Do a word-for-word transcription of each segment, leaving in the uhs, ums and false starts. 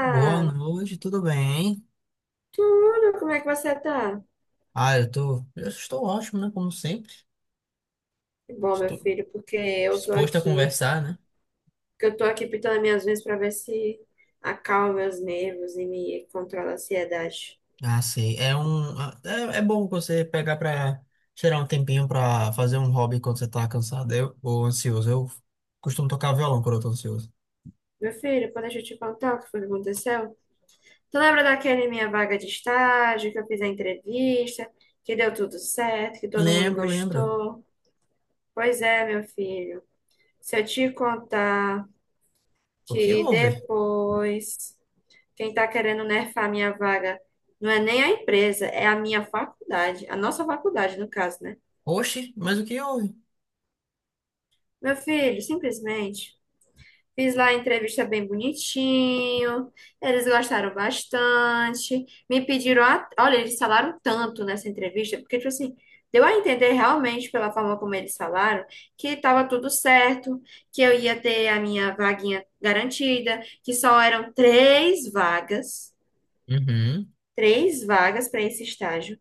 Boa noite, tudo bem? Tudo? Como é que você tá? Ah, eu tô, eu estou ótimo, né? Como sempre. Que bom, meu Estou filho, porque eu tô disposto a aqui, conversar, né? porque eu tô aqui pintando minhas unhas pra ver se acalma meus nervos e me controla a ansiedade. Ah, sei. É um, é, é bom você pegar pra tirar um tempinho pra fazer um hobby quando você tá cansado eu, ou ansioso. Eu costumo tocar violão quando eu tô ansioso. Meu filho, pô, deixa eu te contar o que foi que aconteceu. Tu lembra daquele minha vaga de estágio, que eu fiz a entrevista, que deu tudo certo, que todo mundo Lembro, lembro. gostou? Pois é, meu filho. Se eu te contar O que que houve? depois Quem está querendo nerfar a minha vaga não é nem a empresa, é a minha faculdade, a nossa faculdade, no caso, né? Oxi, mas o que houve? Meu filho, simplesmente fiz lá a entrevista bem bonitinho, eles gostaram bastante, me pediram, a- olha, eles falaram tanto nessa entrevista, porque, tipo assim, deu a entender realmente pela forma como eles falaram que estava tudo certo, que eu ia ter a minha vaguinha garantida, que só eram três vagas, Uhum. três vagas para esse estágio.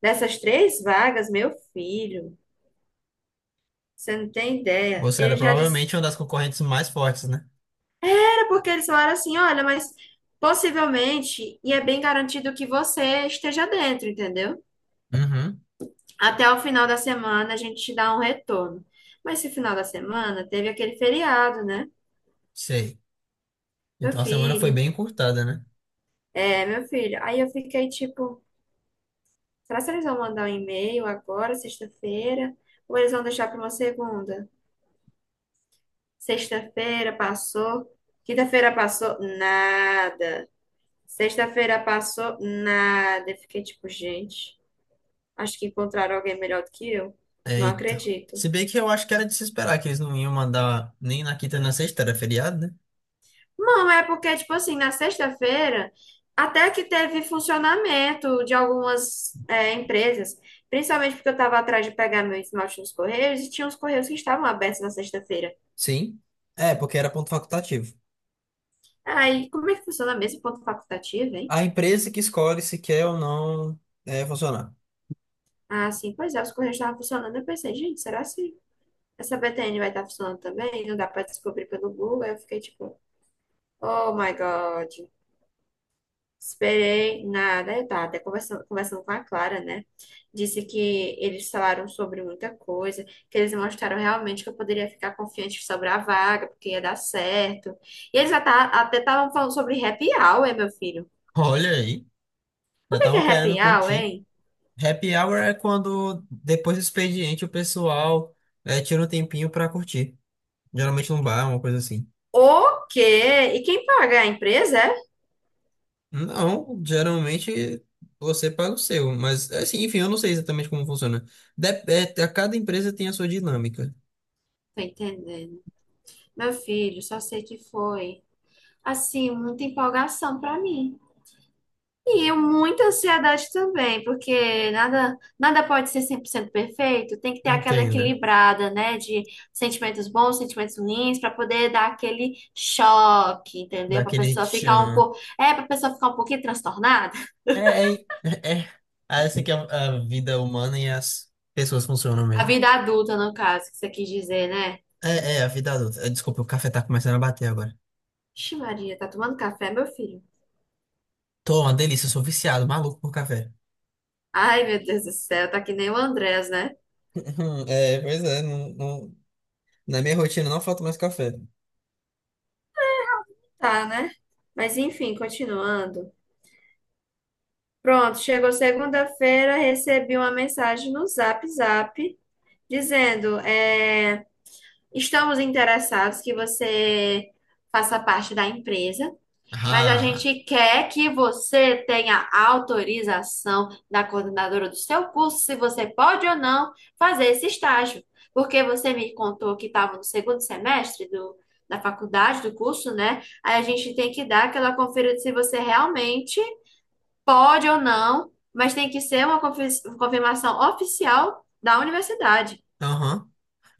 Dessas três vagas, meu filho, você não tem ideia. Você Ele era já disse, provavelmente uma das concorrentes mais fortes, né? era porque eles falaram assim, olha, mas possivelmente, e é bem garantido que você esteja dentro, entendeu? Uhum. Até o final da semana a gente te dá um retorno. Mas esse final da semana teve aquele feriado, né? Sei. Meu Então a semana foi filho, bem encurtada, né? é, meu filho. Aí eu fiquei tipo, será que eles vão mandar um e-mail agora, sexta-feira? Ou eles vão deixar para uma segunda? Sexta-feira passou, quinta-feira passou, nada. Sexta-feira passou nada. Eu Fiquei tipo, gente, acho que encontraram alguém melhor do que eu. Não Eita. acredito. Se bem que eu acho que era de se esperar que eles não iam mandar nem na quinta nem na sexta, era feriado, né? Não, é porque, tipo assim, na sexta-feira, até que teve funcionamento de algumas é, empresas, principalmente porque eu tava atrás de pegar meu esmalte nos correios e tinha uns correios que estavam abertos na sexta-feira. Sim. É, porque era ponto facultativo. Aí, como é que funciona mesmo ponto facultativo, hein? A empresa que escolhe se quer ou não é, funcionar. Ah, sim, pois é, os correios estavam funcionando. Eu pensei, gente, será que essa B T N vai estar funcionando também? Não dá pra descobrir pelo Google. Aí eu fiquei tipo. Oh my God. Esperei nada. Eu tava até conversando, conversando com a Clara, né? Disse que eles falaram sobre muita coisa, que eles mostraram realmente que eu poderia ficar confiante sobre a vaga, porque ia dar certo. E eles já tá, até estavam falando sobre happy hour, meu filho. Olha aí, já O que que estavam é querendo happy hour, curtir. hein? Happy hour é quando, depois do expediente, o pessoal eh, tira um tempinho pra curtir. Geralmente num bar, uma coisa assim. O quê? E quem paga? É A empresa, é? Não, geralmente você paga o seu, mas assim, enfim, eu não sei exatamente como funciona. Dep- é, a cada empresa tem a sua dinâmica. Tô entendendo. Meu filho, só sei que foi, assim, muita empolgação pra mim. E muita ansiedade também, porque nada, nada pode ser cem por cento perfeito, tem que ter aquela Entenda. equilibrada, né, de sentimentos bons, sentimentos ruins, para poder dar aquele choque, entendeu? Para Daquele pessoa ficar um tchan. Pouco, é, para pessoa ficar um pouquinho transtornada. É, é, é. é. Ah, essa que é a vida humana e as pessoas funcionam A mesmo. vida adulta, no caso, que você quis dizer, né? É, é, a vida adulta. Eh, Desculpa, o café tá começando a bater agora. Ixi, Maria, tá tomando café, meu filho? Tô, uma delícia, eu sou viciado, maluco por café. Ai, meu Deus do céu, tá que nem o Andrés, né? Uhum, é, pois é, não, não- na minha rotina não falta mais café. Tá, né? Mas enfim, continuando. Pronto, chegou segunda-feira, recebi uma mensagem no Zap Zap dizendo, é, estamos interessados que você faça parte da empresa, mas a Ah, gente quer que você tenha autorização da coordenadora do seu curso, se você pode ou não fazer esse estágio. Porque você me contou que estava no segundo semestre do, da faculdade, do curso, né? Aí a gente tem que dar aquela conferida se você realmente pode ou não, mas tem que ser uma confi- confirmação oficial da universidade. aham.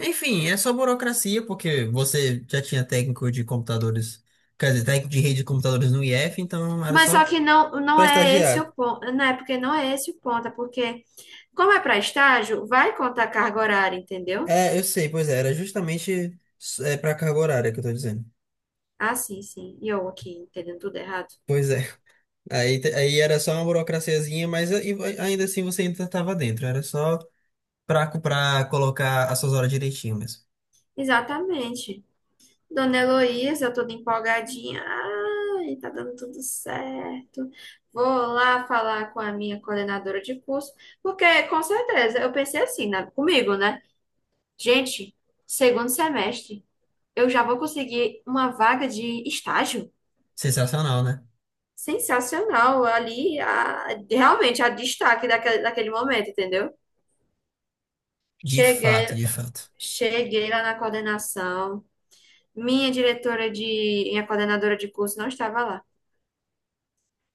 Enfim, é só burocracia, porque você já tinha técnico de computadores, quer dizer, técnico de rede de computadores no I F, então era Mas só só que não, não pra é esse estagiar. o ponto, não é porque não é esse o ponto, é porque, como é para estágio, vai contar carga horária, entendeu? É, eu sei, pois é, era justamente é, para carga horária que eu tô dizendo. Ah, sim, sim. E eu aqui entendendo tudo errado. Pois é, aí, te- aí era só uma burocraciazinha, mas a- e ainda assim você ainda tava dentro, era só pra, co- pra colocar as suas horas direitinho mesmo. Exatamente. Dona Heloísa, eu toda empolgadinha. Ai, tá dando tudo certo. Vou lá falar com a minha coordenadora de curso, porque com certeza eu pensei assim, né, comigo, né? Gente, segundo semestre, eu já vou conseguir uma vaga de estágio. Sensacional, né? Sensacional ali, a- realmente a destaque daquele, daquele momento, entendeu? De fato, Cheguei, de fato. Cheguei lá na coordenação, minha diretora de, minha coordenadora de curso não estava lá.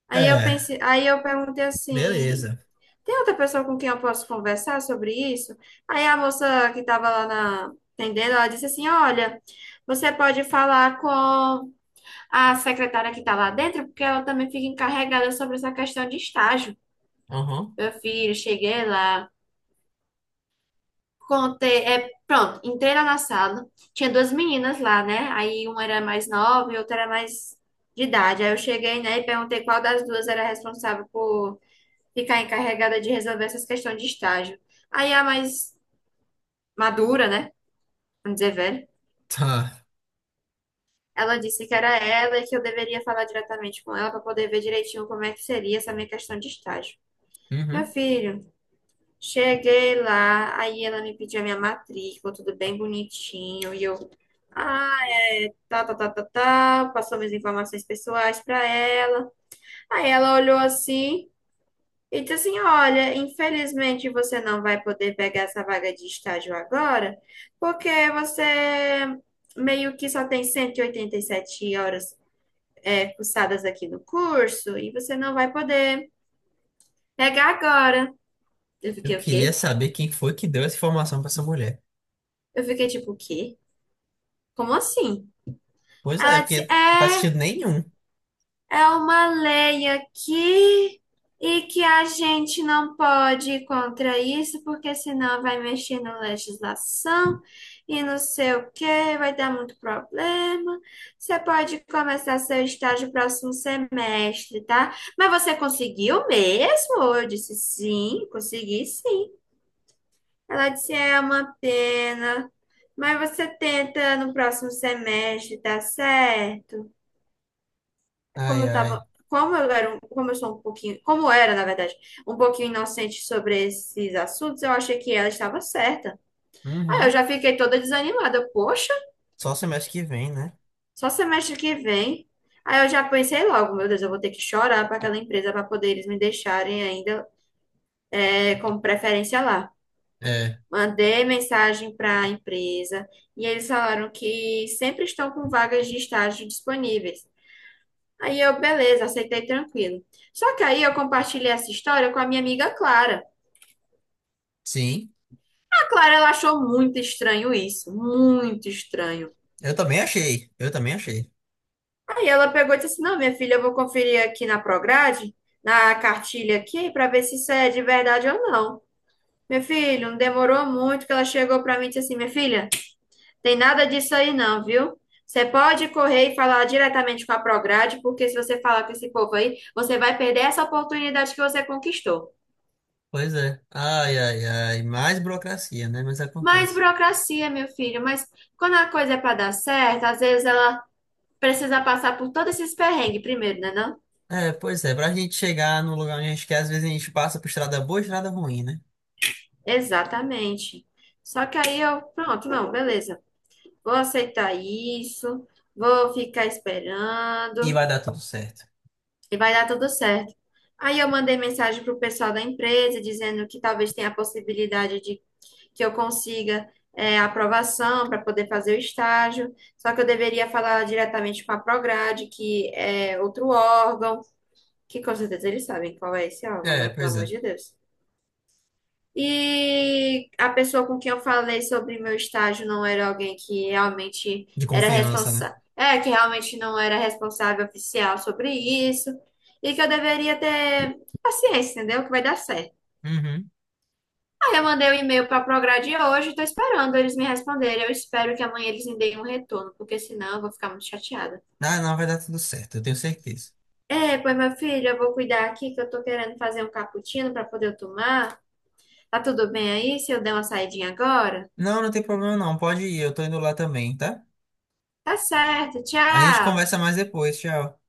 Aí eu É, pensei, Aí eu perguntei assim, beleza. tem outra pessoa com quem eu posso conversar sobre isso? Aí a moça que estava lá na atendendo, ela disse assim, olha, você pode falar com a secretária que está lá dentro, porque ela também fica encarregada sobre essa questão de estágio. Aham, Meu filho, cheguei lá. Contei, é, pronto, entrei lá na sala, tinha duas meninas lá, né? Aí uma era mais nova e outra era mais de idade. Aí eu cheguei, né, e perguntei qual das duas era responsável por ficar encarregada de resolver essas questões de estágio. Aí a mais madura, né, vamos dizer velha, tá. ela disse que era ela e que eu deveria falar diretamente com ela para poder ver direitinho como é que seria essa minha questão de estágio. Meu Uhum. filho, cheguei lá, aí ela me pediu a minha matrícula, tudo bem bonitinho, e eu. "Ah, Tá, tá, tá, tá, tá. Passou minhas informações pessoais para ela. Aí ela olhou assim e disse assim: Olha, infelizmente você não vai poder pegar essa vaga de estágio agora, porque você meio que só tem cento e e oitenta e sete horas é, cursadas aqui no curso e você não vai poder pegar agora. Eu Eu fiquei o queria quê? saber quem foi que deu essa informação pra essa mulher. Eu fiquei tipo, o quê? Como assim? Pois é, Ela porque disse: não faz É. sentido nenhum. É uma lei aqui e que a gente não pode ir contra isso, porque senão vai mexer na legislação e não sei o que, vai dar muito problema. Você pode começar seu estágio próximo semestre, tá? Mas você conseguiu mesmo? Eu disse sim, consegui sim. Ela disse é uma pena, mas você tenta no próximo semestre, tá certo? Como Ai, eu tava, ai. como eu era, um- como eu sou um pouquinho, Como eu era, na verdade, um pouquinho inocente sobre esses assuntos, eu achei que ela estava certa. Aí eu Uhum. já fiquei toda desanimada. Eu, Poxa, Só semestre que vem, né? só semestre que vem. Aí eu já pensei logo, meu Deus, eu vou ter que chorar para aquela empresa para poder eles me deixarem ainda é, como preferência lá. É, Mandei mensagem para a empresa e eles falaram que sempre estão com vagas de estágio disponíveis. Aí eu, beleza, aceitei tranquilo. Só que aí eu compartilhei essa história com a minha amiga Clara. sim. A Clara, ela achou muito estranho isso, muito estranho. Eu também achei, eu também achei. Aí ela pegou e disse assim, não, minha filha, eu vou conferir aqui na Prograde, na cartilha aqui, para ver se isso é de verdade ou não. Meu filho, não demorou muito que ela chegou para mim e disse assim, minha filha, tem nada disso aí não, viu? Você pode correr e falar diretamente com a Prograde, porque se você falar com esse povo aí, você vai perder essa oportunidade que você conquistou. Pois é. Ai, ai, ai. Mais burocracia, né? Mas Mais acontece. burocracia, meu filho, mas quando a coisa é para dar certo, às vezes ela precisa passar por todos esses perrengues primeiro, né, não? É, pois é. Pra gente chegar no lugar onde a gente quer, às vezes a gente passa por estrada boa e estrada ruim, né? Exatamente. Só que aí eu, pronto, não, beleza. Vou aceitar isso, vou ficar E esperando vai dar tudo certo. e vai dar tudo certo. Aí eu mandei mensagem pro pessoal da empresa dizendo que talvez tenha a possibilidade de que eu consiga é, aprovação para poder fazer o estágio. Só que eu deveria falar diretamente com a Prograde, que é outro órgão. Que com certeza eles sabem qual é esse álbum, né? É, Pelo pois amor é. de Deus. E a pessoa com quem eu falei sobre meu estágio não era alguém que realmente De era confiança, né? responsável, é, que realmente não era responsável oficial sobre isso, e que eu deveria ter paciência, entendeu? Que vai dar certo. Uhum. Aí eu mandei o um e-mail para a Prograde hoje e tô esperando eles me responderem. Eu espero que amanhã eles me deem um retorno, porque senão eu vou ficar muito chateada. Ah, não, vai dar tudo certo, eu tenho certeza. É, pois meu filho, eu vou cuidar aqui que eu tô querendo fazer um cappuccino para poder eu tomar. Tá tudo bem aí se eu der uma saidinha agora? Não, não tem problema não. Pode ir, eu tô indo lá também, tá? Tá certo, A gente tchau! conversa mais depois, tchau.